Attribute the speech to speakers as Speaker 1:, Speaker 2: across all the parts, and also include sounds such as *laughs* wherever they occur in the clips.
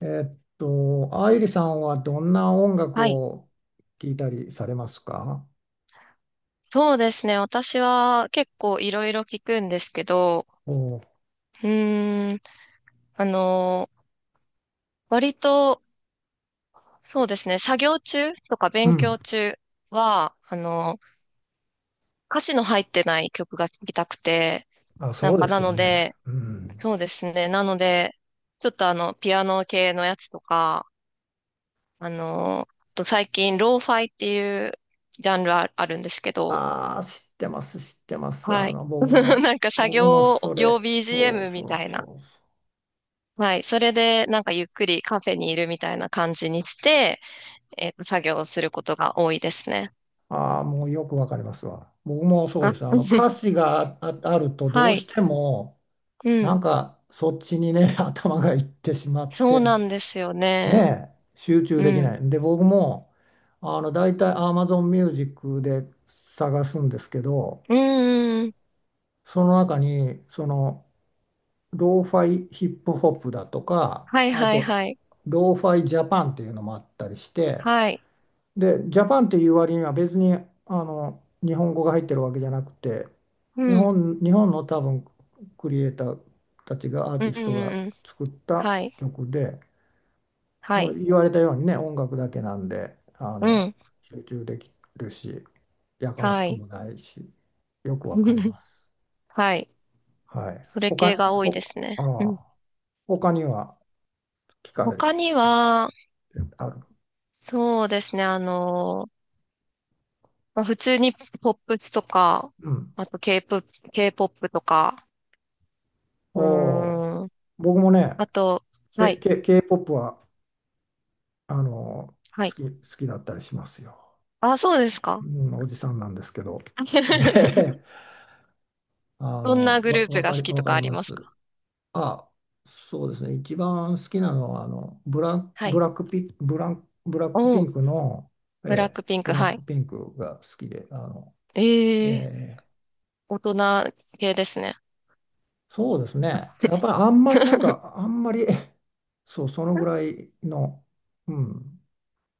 Speaker 1: 愛理さんはどんな音楽
Speaker 2: はい。
Speaker 1: を聴いたりされますか？
Speaker 2: そうですね。私は結構いろいろ聞くんですけど、
Speaker 1: おう、
Speaker 2: うーん、あのー、割と、そうですね。作業中とか
Speaker 1: う
Speaker 2: 勉強
Speaker 1: ん。
Speaker 2: 中は、歌詞の入ってない曲が聴きたくて、
Speaker 1: あ、
Speaker 2: なん
Speaker 1: そう
Speaker 2: か
Speaker 1: で
Speaker 2: な
Speaker 1: すよ
Speaker 2: の
Speaker 1: ね。
Speaker 2: で、
Speaker 1: うん。
Speaker 2: そうですね。なので、ちょっと、ピアノ系のやつとか、あと最近、ローファイっていうジャンルああるんですけど、
Speaker 1: ああ、知ってます、知ってます。
Speaker 2: はい。
Speaker 1: 僕
Speaker 2: *laughs*
Speaker 1: も、
Speaker 2: なんか作
Speaker 1: 僕も
Speaker 2: 業
Speaker 1: そ
Speaker 2: 用
Speaker 1: れ、そう
Speaker 2: BGM み
Speaker 1: そう
Speaker 2: たい
Speaker 1: そ
Speaker 2: な。
Speaker 1: うそ
Speaker 2: はい。それで、なんかゆっくりカフェにいるみたいな感じにして、作業をすることが多いですね。
Speaker 1: う。ああ、もうよくわかりますわ。僕もそう
Speaker 2: あ、
Speaker 1: ですね歌
Speaker 2: *laughs*
Speaker 1: 詞があ、あるとど
Speaker 2: は
Speaker 1: うし
Speaker 2: い。
Speaker 1: ても、
Speaker 2: う
Speaker 1: なん
Speaker 2: ん。
Speaker 1: かそっちにね、*laughs* 頭がいってしまっ
Speaker 2: そう
Speaker 1: て、
Speaker 2: なんですよ
Speaker 1: ね
Speaker 2: ね。
Speaker 1: え、集中
Speaker 2: う
Speaker 1: でき
Speaker 2: ん。
Speaker 1: ない。で、僕も、大体 Amazon Music で探すんですけど、
Speaker 2: うんうんうん。
Speaker 1: その中に、その、ローファイヒップホップだとか、
Speaker 2: はい
Speaker 1: あ
Speaker 2: はい
Speaker 1: と、
Speaker 2: はい。
Speaker 1: ローファイジャパンっていうのもあったりして、
Speaker 2: はい。
Speaker 1: で、ジャパンっていう割には別に、日本語が入ってるわけじゃなくて、
Speaker 2: うん。
Speaker 1: 日本の多分、クリエイターたちが、アー
Speaker 2: う
Speaker 1: テ
Speaker 2: ん
Speaker 1: ィ
Speaker 2: う
Speaker 1: スト
Speaker 2: ん
Speaker 1: が
Speaker 2: うん。
Speaker 1: 作った
Speaker 2: はい。
Speaker 1: 曲で、
Speaker 2: はい。
Speaker 1: 言われたようにね、音楽だけなんで、
Speaker 2: うん。
Speaker 1: 集中できるし、やかまし
Speaker 2: は
Speaker 1: く
Speaker 2: い。
Speaker 1: もないし、よくわかり
Speaker 2: *laughs*
Speaker 1: ます。
Speaker 2: はい。
Speaker 1: はい。
Speaker 2: それ系が多い
Speaker 1: ほ、
Speaker 2: ですね。
Speaker 1: あ
Speaker 2: う
Speaker 1: あ、
Speaker 2: ん。
Speaker 1: 他には聞かれ
Speaker 2: 他
Speaker 1: て
Speaker 2: には、
Speaker 1: ある。
Speaker 2: そうですね。まあ、普通にポップスとか、
Speaker 1: うん。
Speaker 2: あと K-POP、K-POP とか、
Speaker 1: お
Speaker 2: う
Speaker 1: お、
Speaker 2: ーん。
Speaker 1: 僕もね、
Speaker 2: あと、はい。
Speaker 1: K-POP は、あの、
Speaker 2: は
Speaker 1: 好
Speaker 2: い。
Speaker 1: き、好きだったりしますよ。
Speaker 2: あ、そうです
Speaker 1: う
Speaker 2: か。
Speaker 1: ん、おじさんなんですけど。えへ
Speaker 2: *laughs*
Speaker 1: へ
Speaker 2: どんなグループが好き
Speaker 1: わ
Speaker 2: と
Speaker 1: か
Speaker 2: か
Speaker 1: り
Speaker 2: あり
Speaker 1: ま
Speaker 2: ます
Speaker 1: す。
Speaker 2: か？
Speaker 1: あ、そうですね。一番好きなのは、
Speaker 2: はい。
Speaker 1: ブラックピ
Speaker 2: おー、
Speaker 1: ンクの、え
Speaker 2: ブラッ
Speaker 1: え、
Speaker 2: クピンク、
Speaker 1: ブラッ
Speaker 2: は
Speaker 1: ク
Speaker 2: い。
Speaker 1: ピンクが好きで、
Speaker 2: え
Speaker 1: え
Speaker 2: え、
Speaker 1: え
Speaker 2: 大人系ですね。
Speaker 1: そうですね。やっぱりあんまりなん
Speaker 2: *laughs*
Speaker 1: か、あんまり、*laughs* そう、そのぐらいの、うん。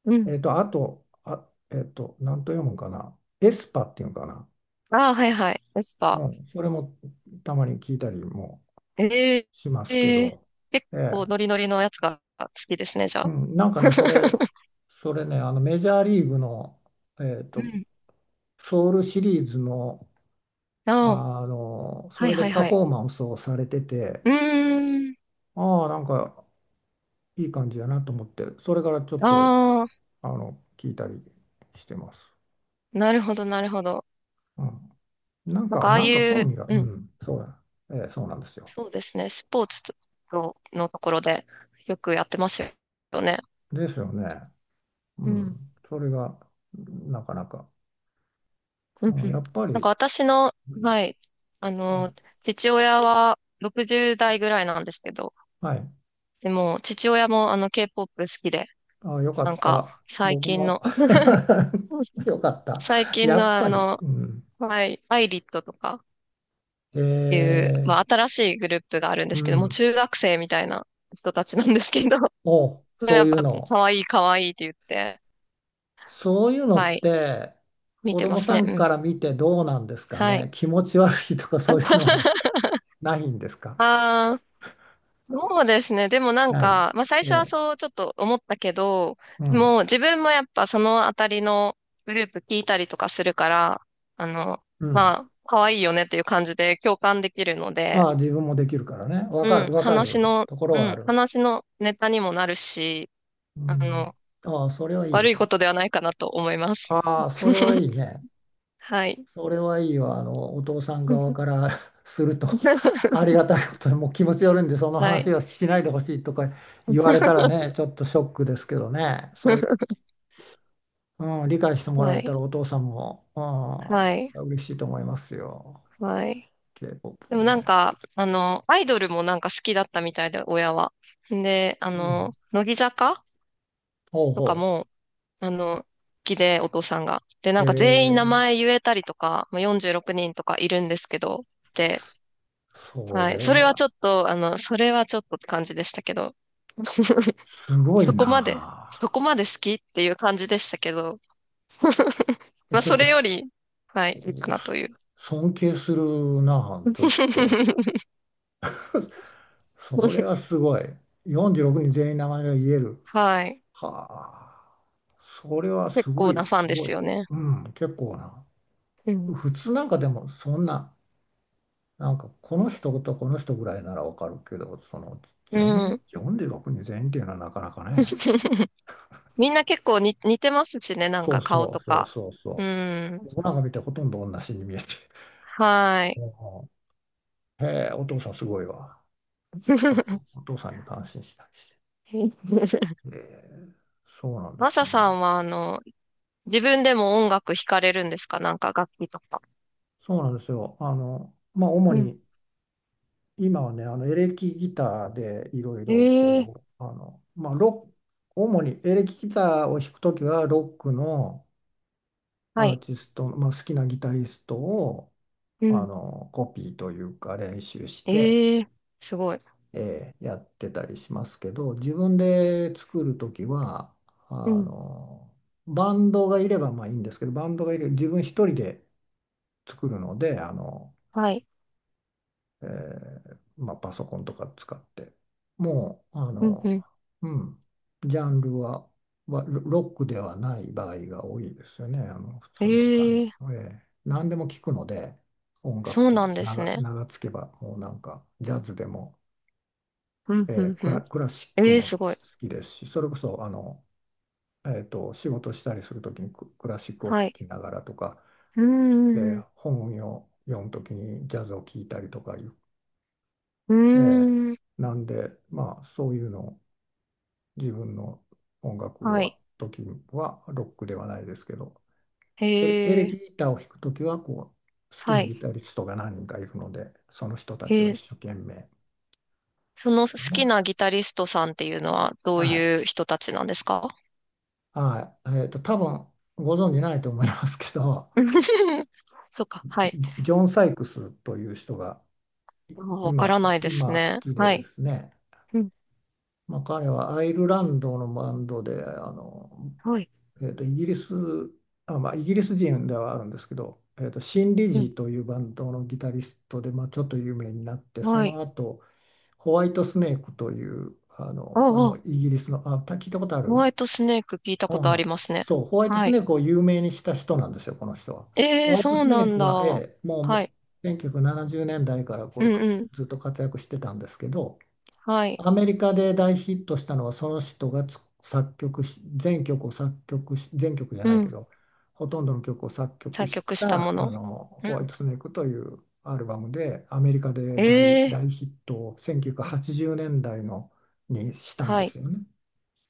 Speaker 2: うん。
Speaker 1: えっと、あと、あ、えっと、なんと読むんかな。エスパっていうのかな。
Speaker 2: ああ、はいはい。エスパ
Speaker 1: う
Speaker 2: ー。
Speaker 1: ん、それもたまに聞いたりも
Speaker 2: ええ
Speaker 1: しますけ
Speaker 2: ええ、
Speaker 1: ど、
Speaker 2: 結
Speaker 1: え
Speaker 2: 構
Speaker 1: え、
Speaker 2: ノリノリのやつが好きですね、じゃ
Speaker 1: う
Speaker 2: あ。
Speaker 1: ん、なんかね、
Speaker 2: *laughs*
Speaker 1: それね、あのメジャーリーグの、えー
Speaker 2: う
Speaker 1: と、
Speaker 2: ん。
Speaker 1: ソウルシリーズの、
Speaker 2: ああ、
Speaker 1: あの、そ
Speaker 2: はい
Speaker 1: れで
Speaker 2: はい
Speaker 1: パ
Speaker 2: はい。
Speaker 1: フォーマンスをされてて、
Speaker 2: うーん。
Speaker 1: ああ、なんかいい感じやなと思って、それからちょっと、
Speaker 2: ああ、
Speaker 1: 聞いたりしてます。
Speaker 2: なるほど、なるほど。
Speaker 1: うん。なん
Speaker 2: なん
Speaker 1: か、
Speaker 2: かああ
Speaker 1: なんか好
Speaker 2: いう、
Speaker 1: みが、う
Speaker 2: うん。
Speaker 1: ん、そうだ、ええ、そうなんですよ。
Speaker 2: そうですね。スポーツの、ところでよくやってますよね。
Speaker 1: ですよね。う
Speaker 2: うん。
Speaker 1: ん。それが、なかなか、
Speaker 2: うん
Speaker 1: う
Speaker 2: う
Speaker 1: ん、や
Speaker 2: ん。
Speaker 1: っぱり、
Speaker 2: なんか
Speaker 1: う
Speaker 2: 私の、はい、あの、
Speaker 1: ん、
Speaker 2: 父親は60代ぐらいなんですけど、
Speaker 1: はい。
Speaker 2: でも、父親もあの K-POP 好きで、
Speaker 1: ああ、よか
Speaker 2: なん
Speaker 1: っ
Speaker 2: か、
Speaker 1: た。僕も *laughs* よかった。
Speaker 2: 最近
Speaker 1: や
Speaker 2: の
Speaker 1: っぱり。うん。
Speaker 2: はい、アイリットとか
Speaker 1: え
Speaker 2: いう、
Speaker 1: ー、
Speaker 2: まあ、新しいグループがあるんで
Speaker 1: う
Speaker 2: すけど、もう
Speaker 1: ん。
Speaker 2: 中学生みたいな人たちなんですけど、で
Speaker 1: お、
Speaker 2: も
Speaker 1: そ
Speaker 2: や
Speaker 1: う
Speaker 2: っ
Speaker 1: いう
Speaker 2: ぱ、
Speaker 1: の。
Speaker 2: 可愛い可愛いって言って、
Speaker 1: そういうの
Speaker 2: は
Speaker 1: っ
Speaker 2: い、
Speaker 1: て、
Speaker 2: 見
Speaker 1: 子
Speaker 2: てま
Speaker 1: 供
Speaker 2: す
Speaker 1: さ
Speaker 2: ね。
Speaker 1: ん
Speaker 2: うん。
Speaker 1: から見てどうなんですか
Speaker 2: は
Speaker 1: ね。
Speaker 2: い。
Speaker 1: 気持ち悪いとかそういう
Speaker 2: あ
Speaker 1: のは *laughs* ないんですか。
Speaker 2: あ、そうですね。でもなん
Speaker 1: な
Speaker 2: か、まあ最
Speaker 1: い。
Speaker 2: 初は
Speaker 1: ええ、
Speaker 2: そうちょっと思ったけど、
Speaker 1: うん。
Speaker 2: もう自分もやっぱそのあたりのグループ聞いたりとかするから、あの、
Speaker 1: うん。
Speaker 2: まあ、可愛いよねっていう感じで共感できるので、
Speaker 1: ああ、自分もできるからね。わか
Speaker 2: うん、
Speaker 1: る、わかるところ
Speaker 2: う
Speaker 1: はあ
Speaker 2: ん、
Speaker 1: る。
Speaker 2: 話のネタにもなるし、
Speaker 1: う
Speaker 2: あ
Speaker 1: ん。
Speaker 2: の、
Speaker 1: ああ、それはいい。
Speaker 2: 悪いことではないかなと思います。
Speaker 1: ああ、それはいい
Speaker 2: *laughs*
Speaker 1: ね。
Speaker 2: はい。
Speaker 1: それはいいわ。お父さん側
Speaker 2: *laughs*
Speaker 1: から *laughs* すると、*laughs* ありがたいことに、もう気持ちよるんで、その
Speaker 2: は
Speaker 1: 話
Speaker 2: い。
Speaker 1: はしないでほしいとか言われた
Speaker 2: *laughs*
Speaker 1: らね、ちょっとショックですけどね、そういう、うん、理解してもら
Speaker 2: は
Speaker 1: えたら
Speaker 2: い。
Speaker 1: お父さんも、
Speaker 2: はい。
Speaker 1: うん、嬉しいと思いますよ。
Speaker 2: はい。
Speaker 1: K-POP
Speaker 2: で
Speaker 1: を
Speaker 2: も
Speaker 1: ね。
Speaker 2: なんか、アイドルもなんか好きだったみたいで、親は。で、
Speaker 1: うん。
Speaker 2: 乃木坂
Speaker 1: ほう
Speaker 2: とか
Speaker 1: ほ
Speaker 2: も、好きで、お父さんが。で、な
Speaker 1: う。
Speaker 2: ん
Speaker 1: え
Speaker 2: か全員名
Speaker 1: ー、
Speaker 2: 前言えたりとか、まあ、46人とかいるんですけど、で、
Speaker 1: そ
Speaker 2: はい。
Speaker 1: れ
Speaker 2: それは
Speaker 1: は
Speaker 2: ちょっと、それはちょっとって感じでしたけど、*laughs*
Speaker 1: すごい
Speaker 2: そこ
Speaker 1: な
Speaker 2: まで、そこ
Speaker 1: あ。
Speaker 2: まで好きっていう感じでしたけど、*laughs*
Speaker 1: え
Speaker 2: まあ、
Speaker 1: ちょっ
Speaker 2: そ
Speaker 1: と
Speaker 2: れ
Speaker 1: す
Speaker 2: より、はい、いいかなという。
Speaker 1: 尊敬するなあ、ちょっと。
Speaker 2: *laughs*
Speaker 1: それはすごい。46人全員名前が言える。
Speaker 2: はい。
Speaker 1: はあ。それはす
Speaker 2: 結
Speaker 1: ご
Speaker 2: 構な
Speaker 1: い、
Speaker 2: ファン
Speaker 1: す
Speaker 2: で
Speaker 1: ご
Speaker 2: す
Speaker 1: い。
Speaker 2: よね。
Speaker 1: うん、結構な。
Speaker 2: うん
Speaker 1: 普通なんかでもそんな、なんかこの人とこの人ぐらいならわかるけど、その全
Speaker 2: う
Speaker 1: 員、
Speaker 2: ん。
Speaker 1: 46人全員っていうのはなかなかね。
Speaker 2: *laughs* みんな結構に似てますしね、なん
Speaker 1: そ
Speaker 2: か
Speaker 1: う
Speaker 2: 顔
Speaker 1: そ
Speaker 2: と
Speaker 1: うそう
Speaker 2: か。
Speaker 1: そう
Speaker 2: う
Speaker 1: そ
Speaker 2: ん。
Speaker 1: う。僕なんか見てほとんど同じに見えて。
Speaker 2: は
Speaker 1: *laughs*
Speaker 2: い。
Speaker 1: もう、へえ、お父さんすごいわ。ちょっとお
Speaker 2: *laughs*
Speaker 1: 父さんに感心したりして。ええ、そうなんで
Speaker 2: マ
Speaker 1: す
Speaker 2: サさ
Speaker 1: ね。
Speaker 2: んは、自分でも音楽弾かれるんですか？なんか楽器とか。
Speaker 1: そうなんですよ。まあ、主
Speaker 2: うん。
Speaker 1: に今はね、あのエレキギターでいろいろ
Speaker 2: え
Speaker 1: こ
Speaker 2: え、
Speaker 1: う、まあ、ロック、主にエレキギターを弾くときは、ロックの
Speaker 2: は
Speaker 1: アー
Speaker 2: い。
Speaker 1: ティストの、まあ、好きなギタリストを
Speaker 2: う
Speaker 1: あ
Speaker 2: ん。
Speaker 1: のコピーというか練習して、
Speaker 2: ええ、すごい。
Speaker 1: やってたりしますけど、自分で作るときは、あ
Speaker 2: うん。
Speaker 1: の、バンドがいればまあいいんですけど、バンドがいる、自分一人で作るので、
Speaker 2: はい。
Speaker 1: まあ、パソコンとか使って、もう、
Speaker 2: うん、うん。
Speaker 1: うん、ジャンルは、ロックではない場合が多いですよね、あの、普通
Speaker 2: え
Speaker 1: の感じ
Speaker 2: え、
Speaker 1: の。何でも聞くので、音
Speaker 2: そ
Speaker 1: 楽
Speaker 2: う
Speaker 1: と
Speaker 2: なんで
Speaker 1: 名
Speaker 2: す
Speaker 1: が、
Speaker 2: ね。
Speaker 1: 名がつけば、もうなんか、ジャズでも、
Speaker 2: うん、うん、うん。
Speaker 1: クラシック
Speaker 2: ええ、
Speaker 1: も好
Speaker 2: すごい。
Speaker 1: きですし、それこそ、仕事したりするときにクラシックを聴
Speaker 2: はい。
Speaker 1: きながらとか、
Speaker 2: うー
Speaker 1: で
Speaker 2: ん。う
Speaker 1: 本を読むときにジャズを聴いたりとかいう、
Speaker 2: ー
Speaker 1: ええ、
Speaker 2: ん。
Speaker 1: なんで、まあ、そういうのを自分の音楽
Speaker 2: は
Speaker 1: は、
Speaker 2: い。
Speaker 1: ロックではないですけど、エレ
Speaker 2: ええ、
Speaker 1: キギターを弾くときはこう、好き
Speaker 2: は
Speaker 1: な
Speaker 2: い。
Speaker 1: ギタリストが何人かいるので、その人たちを
Speaker 2: え
Speaker 1: 一生
Speaker 2: え、
Speaker 1: 懸命、
Speaker 2: その好
Speaker 1: ね。
Speaker 2: きなギタリストさんっていうのはど
Speaker 1: は
Speaker 2: う
Speaker 1: い。
Speaker 2: いう人たちなんですか？
Speaker 1: はい。多分ご存じないと思いますけど、
Speaker 2: *laughs* そうか、はい。
Speaker 1: ジョン・サイクスという人が
Speaker 2: もうわからないです
Speaker 1: 今好
Speaker 2: ね。
Speaker 1: きで
Speaker 2: は
Speaker 1: で
Speaker 2: い。
Speaker 1: すね、
Speaker 2: うん、
Speaker 1: まあ、彼はアイルランドのバンドで、あの、
Speaker 2: はい。
Speaker 1: えーと、イギリス、あ、まあ、イギリス人ではあるんですけど、シン・リ
Speaker 2: う
Speaker 1: ジ
Speaker 2: ん、
Speaker 1: ーというバンドのギタリストで、まあ、ちょっと有名になって、そ
Speaker 2: は
Speaker 1: の
Speaker 2: い。
Speaker 1: 後、ホワイトスネークという、あの、
Speaker 2: お
Speaker 1: これ
Speaker 2: あ、
Speaker 1: も
Speaker 2: お、
Speaker 1: イギリスの、聞いたことあ
Speaker 2: ホ
Speaker 1: る、
Speaker 2: ワイトスネーク聞いた
Speaker 1: う
Speaker 2: こと
Speaker 1: ん
Speaker 2: あ
Speaker 1: う
Speaker 2: り
Speaker 1: ん。
Speaker 2: ますね。
Speaker 1: そう、ホワイトス
Speaker 2: はい。
Speaker 1: ネークを有名にした人なんですよ、この人は。
Speaker 2: え
Speaker 1: ホ
Speaker 2: え、
Speaker 1: ワイト
Speaker 2: そう
Speaker 1: スネ
Speaker 2: な
Speaker 1: ー
Speaker 2: ん
Speaker 1: ク
Speaker 2: だ。
Speaker 1: は、え
Speaker 2: は
Speaker 1: え、もう
Speaker 2: い。
Speaker 1: 1970年代からこ
Speaker 2: うんうん。
Speaker 1: うずっと活躍してたんですけど、
Speaker 2: はい。
Speaker 1: アメリカで大ヒットしたのはその人がつ作曲し全曲を作曲し全曲じゃない
Speaker 2: う
Speaker 1: け
Speaker 2: ん。
Speaker 1: どほとんどの曲を作曲
Speaker 2: 作
Speaker 1: し
Speaker 2: 曲したも
Speaker 1: たあ
Speaker 2: の。
Speaker 1: の
Speaker 2: う
Speaker 1: ホワイ
Speaker 2: ん。
Speaker 1: トスネークというアルバムでアメリカで
Speaker 2: え
Speaker 1: 大
Speaker 2: え、
Speaker 1: ヒットを1980年代のにしたん
Speaker 2: は
Speaker 1: です
Speaker 2: い。
Speaker 1: よね。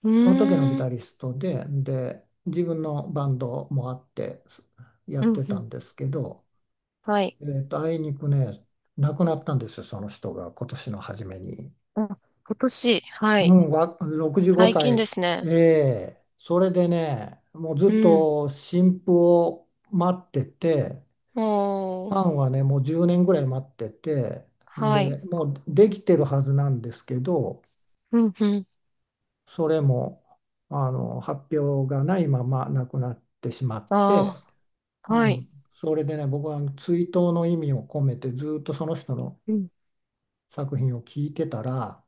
Speaker 2: う
Speaker 1: その時のギ
Speaker 2: ー
Speaker 1: タ
Speaker 2: ん。
Speaker 1: リストで、で自分のバンドもあってや
Speaker 2: う
Speaker 1: っ
Speaker 2: ん
Speaker 1: て
Speaker 2: う
Speaker 1: た
Speaker 2: ん。
Speaker 1: んですけど、
Speaker 2: はい。
Speaker 1: あいにくね亡くなったんですよその人が今年の初めに。
Speaker 2: あ、今年、は
Speaker 1: う
Speaker 2: い。
Speaker 1: ん、65
Speaker 2: 最近で
Speaker 1: 歳。
Speaker 2: すね。
Speaker 1: ええ、それでね、もうず
Speaker 2: う
Speaker 1: っ
Speaker 2: ん。
Speaker 1: と新婦を待ってて、
Speaker 2: も
Speaker 1: フ
Speaker 2: う、
Speaker 1: ァンはね、もう10年ぐらい待ってて、
Speaker 2: は
Speaker 1: で、
Speaker 2: い。
Speaker 1: もうできてるはずなんですけど、
Speaker 2: うん、うん。
Speaker 1: それも、発表がないまま亡くなってしまっ
Speaker 2: あ
Speaker 1: て、
Speaker 2: あ、
Speaker 1: う
Speaker 2: は
Speaker 1: ん、
Speaker 2: い。
Speaker 1: それでね、僕は追悼の意味を込めてずっとその人の
Speaker 2: うん、
Speaker 1: 作品を聞いてたら、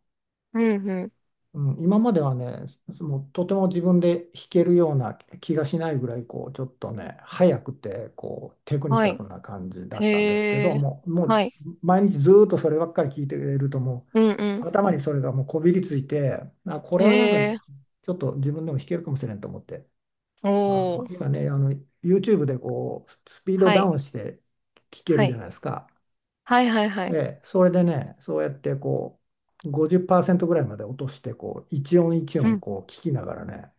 Speaker 2: うん、うん。
Speaker 1: うん、今まではね、もうとても自分で弾けるような気がしないぐらい、こう、ちょっとね、速くて、こう、テクニ
Speaker 2: は
Speaker 1: カ
Speaker 2: い。
Speaker 1: ルな感じだったんですけど、
Speaker 2: へえ、
Speaker 1: もう
Speaker 2: はい。
Speaker 1: 毎日ずーっとそればっかり聞いてると、も
Speaker 2: うん、
Speaker 1: う、
Speaker 2: う
Speaker 1: 頭にそれがもうこびりついて、あ、こ
Speaker 2: ん。
Speaker 1: れはなんか、
Speaker 2: へえ、
Speaker 1: ちょっと自分でも弾けるかもしれんと思って、あ
Speaker 2: お
Speaker 1: の、
Speaker 2: ー。
Speaker 1: 今ね、あの、YouTube でこう、スピード
Speaker 2: は
Speaker 1: ダ
Speaker 2: い、
Speaker 1: ウンして聴け
Speaker 2: は
Speaker 1: るじゃ
Speaker 2: い。
Speaker 1: ないですか。
Speaker 2: はい、はい、は
Speaker 1: え
Speaker 2: い。
Speaker 1: え、それでね、そうやってこう、50%ぐらいまで落として、こう、一音一
Speaker 2: う
Speaker 1: 音
Speaker 2: ん、
Speaker 1: こう聞きながらね、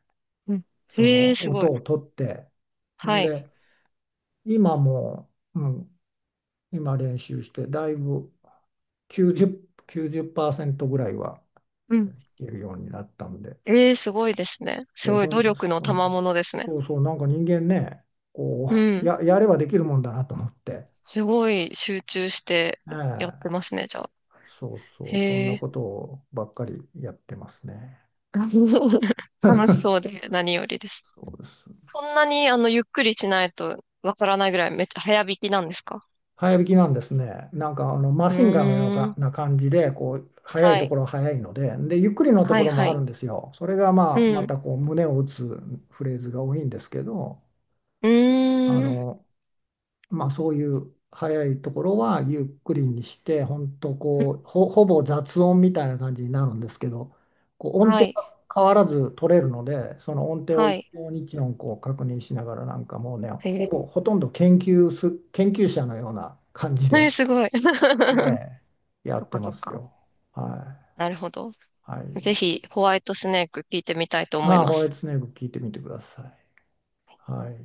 Speaker 2: うん。
Speaker 1: そ
Speaker 2: へえ、
Speaker 1: の
Speaker 2: すごい。
Speaker 1: 音を取って、
Speaker 2: は
Speaker 1: ん
Speaker 2: い。
Speaker 1: で、今もう、うん、今練習して、だいぶ90、きゅうじゅっパーセントぐらいは
Speaker 2: うん。
Speaker 1: 弾けるようになったんで、
Speaker 2: ええ、すごいですね。す
Speaker 1: え、
Speaker 2: ごい
Speaker 1: そ
Speaker 2: 努
Speaker 1: ん、
Speaker 2: 力の
Speaker 1: そ
Speaker 2: 賜
Speaker 1: ん、
Speaker 2: 物ですね。
Speaker 1: そうそう、なんか人間ね、こ
Speaker 2: う
Speaker 1: う、
Speaker 2: ん。
Speaker 1: やればできるもんだなと思って、
Speaker 2: すごい集中して
Speaker 1: え
Speaker 2: やっ
Speaker 1: え、
Speaker 2: てますね、じゃあ。
Speaker 1: そうそう、そん
Speaker 2: へ
Speaker 1: な
Speaker 2: え。
Speaker 1: ことばっかりやってますね。
Speaker 2: *laughs* 楽しそうで何よりです。
Speaker 1: そうです。
Speaker 2: こんなにゆっくりしないとわからないぐらいめっちゃ早弾きなんですか？
Speaker 1: 早引きなんですね。なんかあのマ
Speaker 2: う
Speaker 1: シンガンのよう
Speaker 2: ー
Speaker 1: な
Speaker 2: ん。
Speaker 1: な感じで、こう、速い
Speaker 2: は
Speaker 1: と
Speaker 2: い。
Speaker 1: ころは速いので、で、ゆっくりのと
Speaker 2: は
Speaker 1: こ
Speaker 2: い、
Speaker 1: ろも
Speaker 2: は
Speaker 1: ある
Speaker 2: い。
Speaker 1: んですよ。それがまあ、
Speaker 2: う
Speaker 1: ま
Speaker 2: ん。
Speaker 1: たこう、胸を打つフレーズが多いんですけど、
Speaker 2: う
Speaker 1: あ
Speaker 2: ーん。
Speaker 1: の、まあ、そういう速いところはゆっくりにして、本当こう、ほぼ雑音みたいな感じになるんですけど、こう音
Speaker 2: は
Speaker 1: 程
Speaker 2: い。
Speaker 1: が変わらず取れるので、その音程を
Speaker 2: は
Speaker 1: 一
Speaker 2: い。
Speaker 1: 音一音こう確認しながら、なんかもうね、ほ
Speaker 2: え
Speaker 1: ぼ、ほとんど研究者のような感じ
Speaker 2: ー、えー、
Speaker 1: で。
Speaker 2: すごい。
Speaker 1: え
Speaker 2: *laughs*
Speaker 1: え、や
Speaker 2: そっ
Speaker 1: って
Speaker 2: か
Speaker 1: ま
Speaker 2: そっ
Speaker 1: す
Speaker 2: か。
Speaker 1: よ。は
Speaker 2: なるほど。
Speaker 1: い。はい。
Speaker 2: ぜひ、ホワイトスネーク聞いてみたいと思い
Speaker 1: ああ、
Speaker 2: ま
Speaker 1: ホワイ
Speaker 2: す。
Speaker 1: トスネーク聞いてみてください。はい。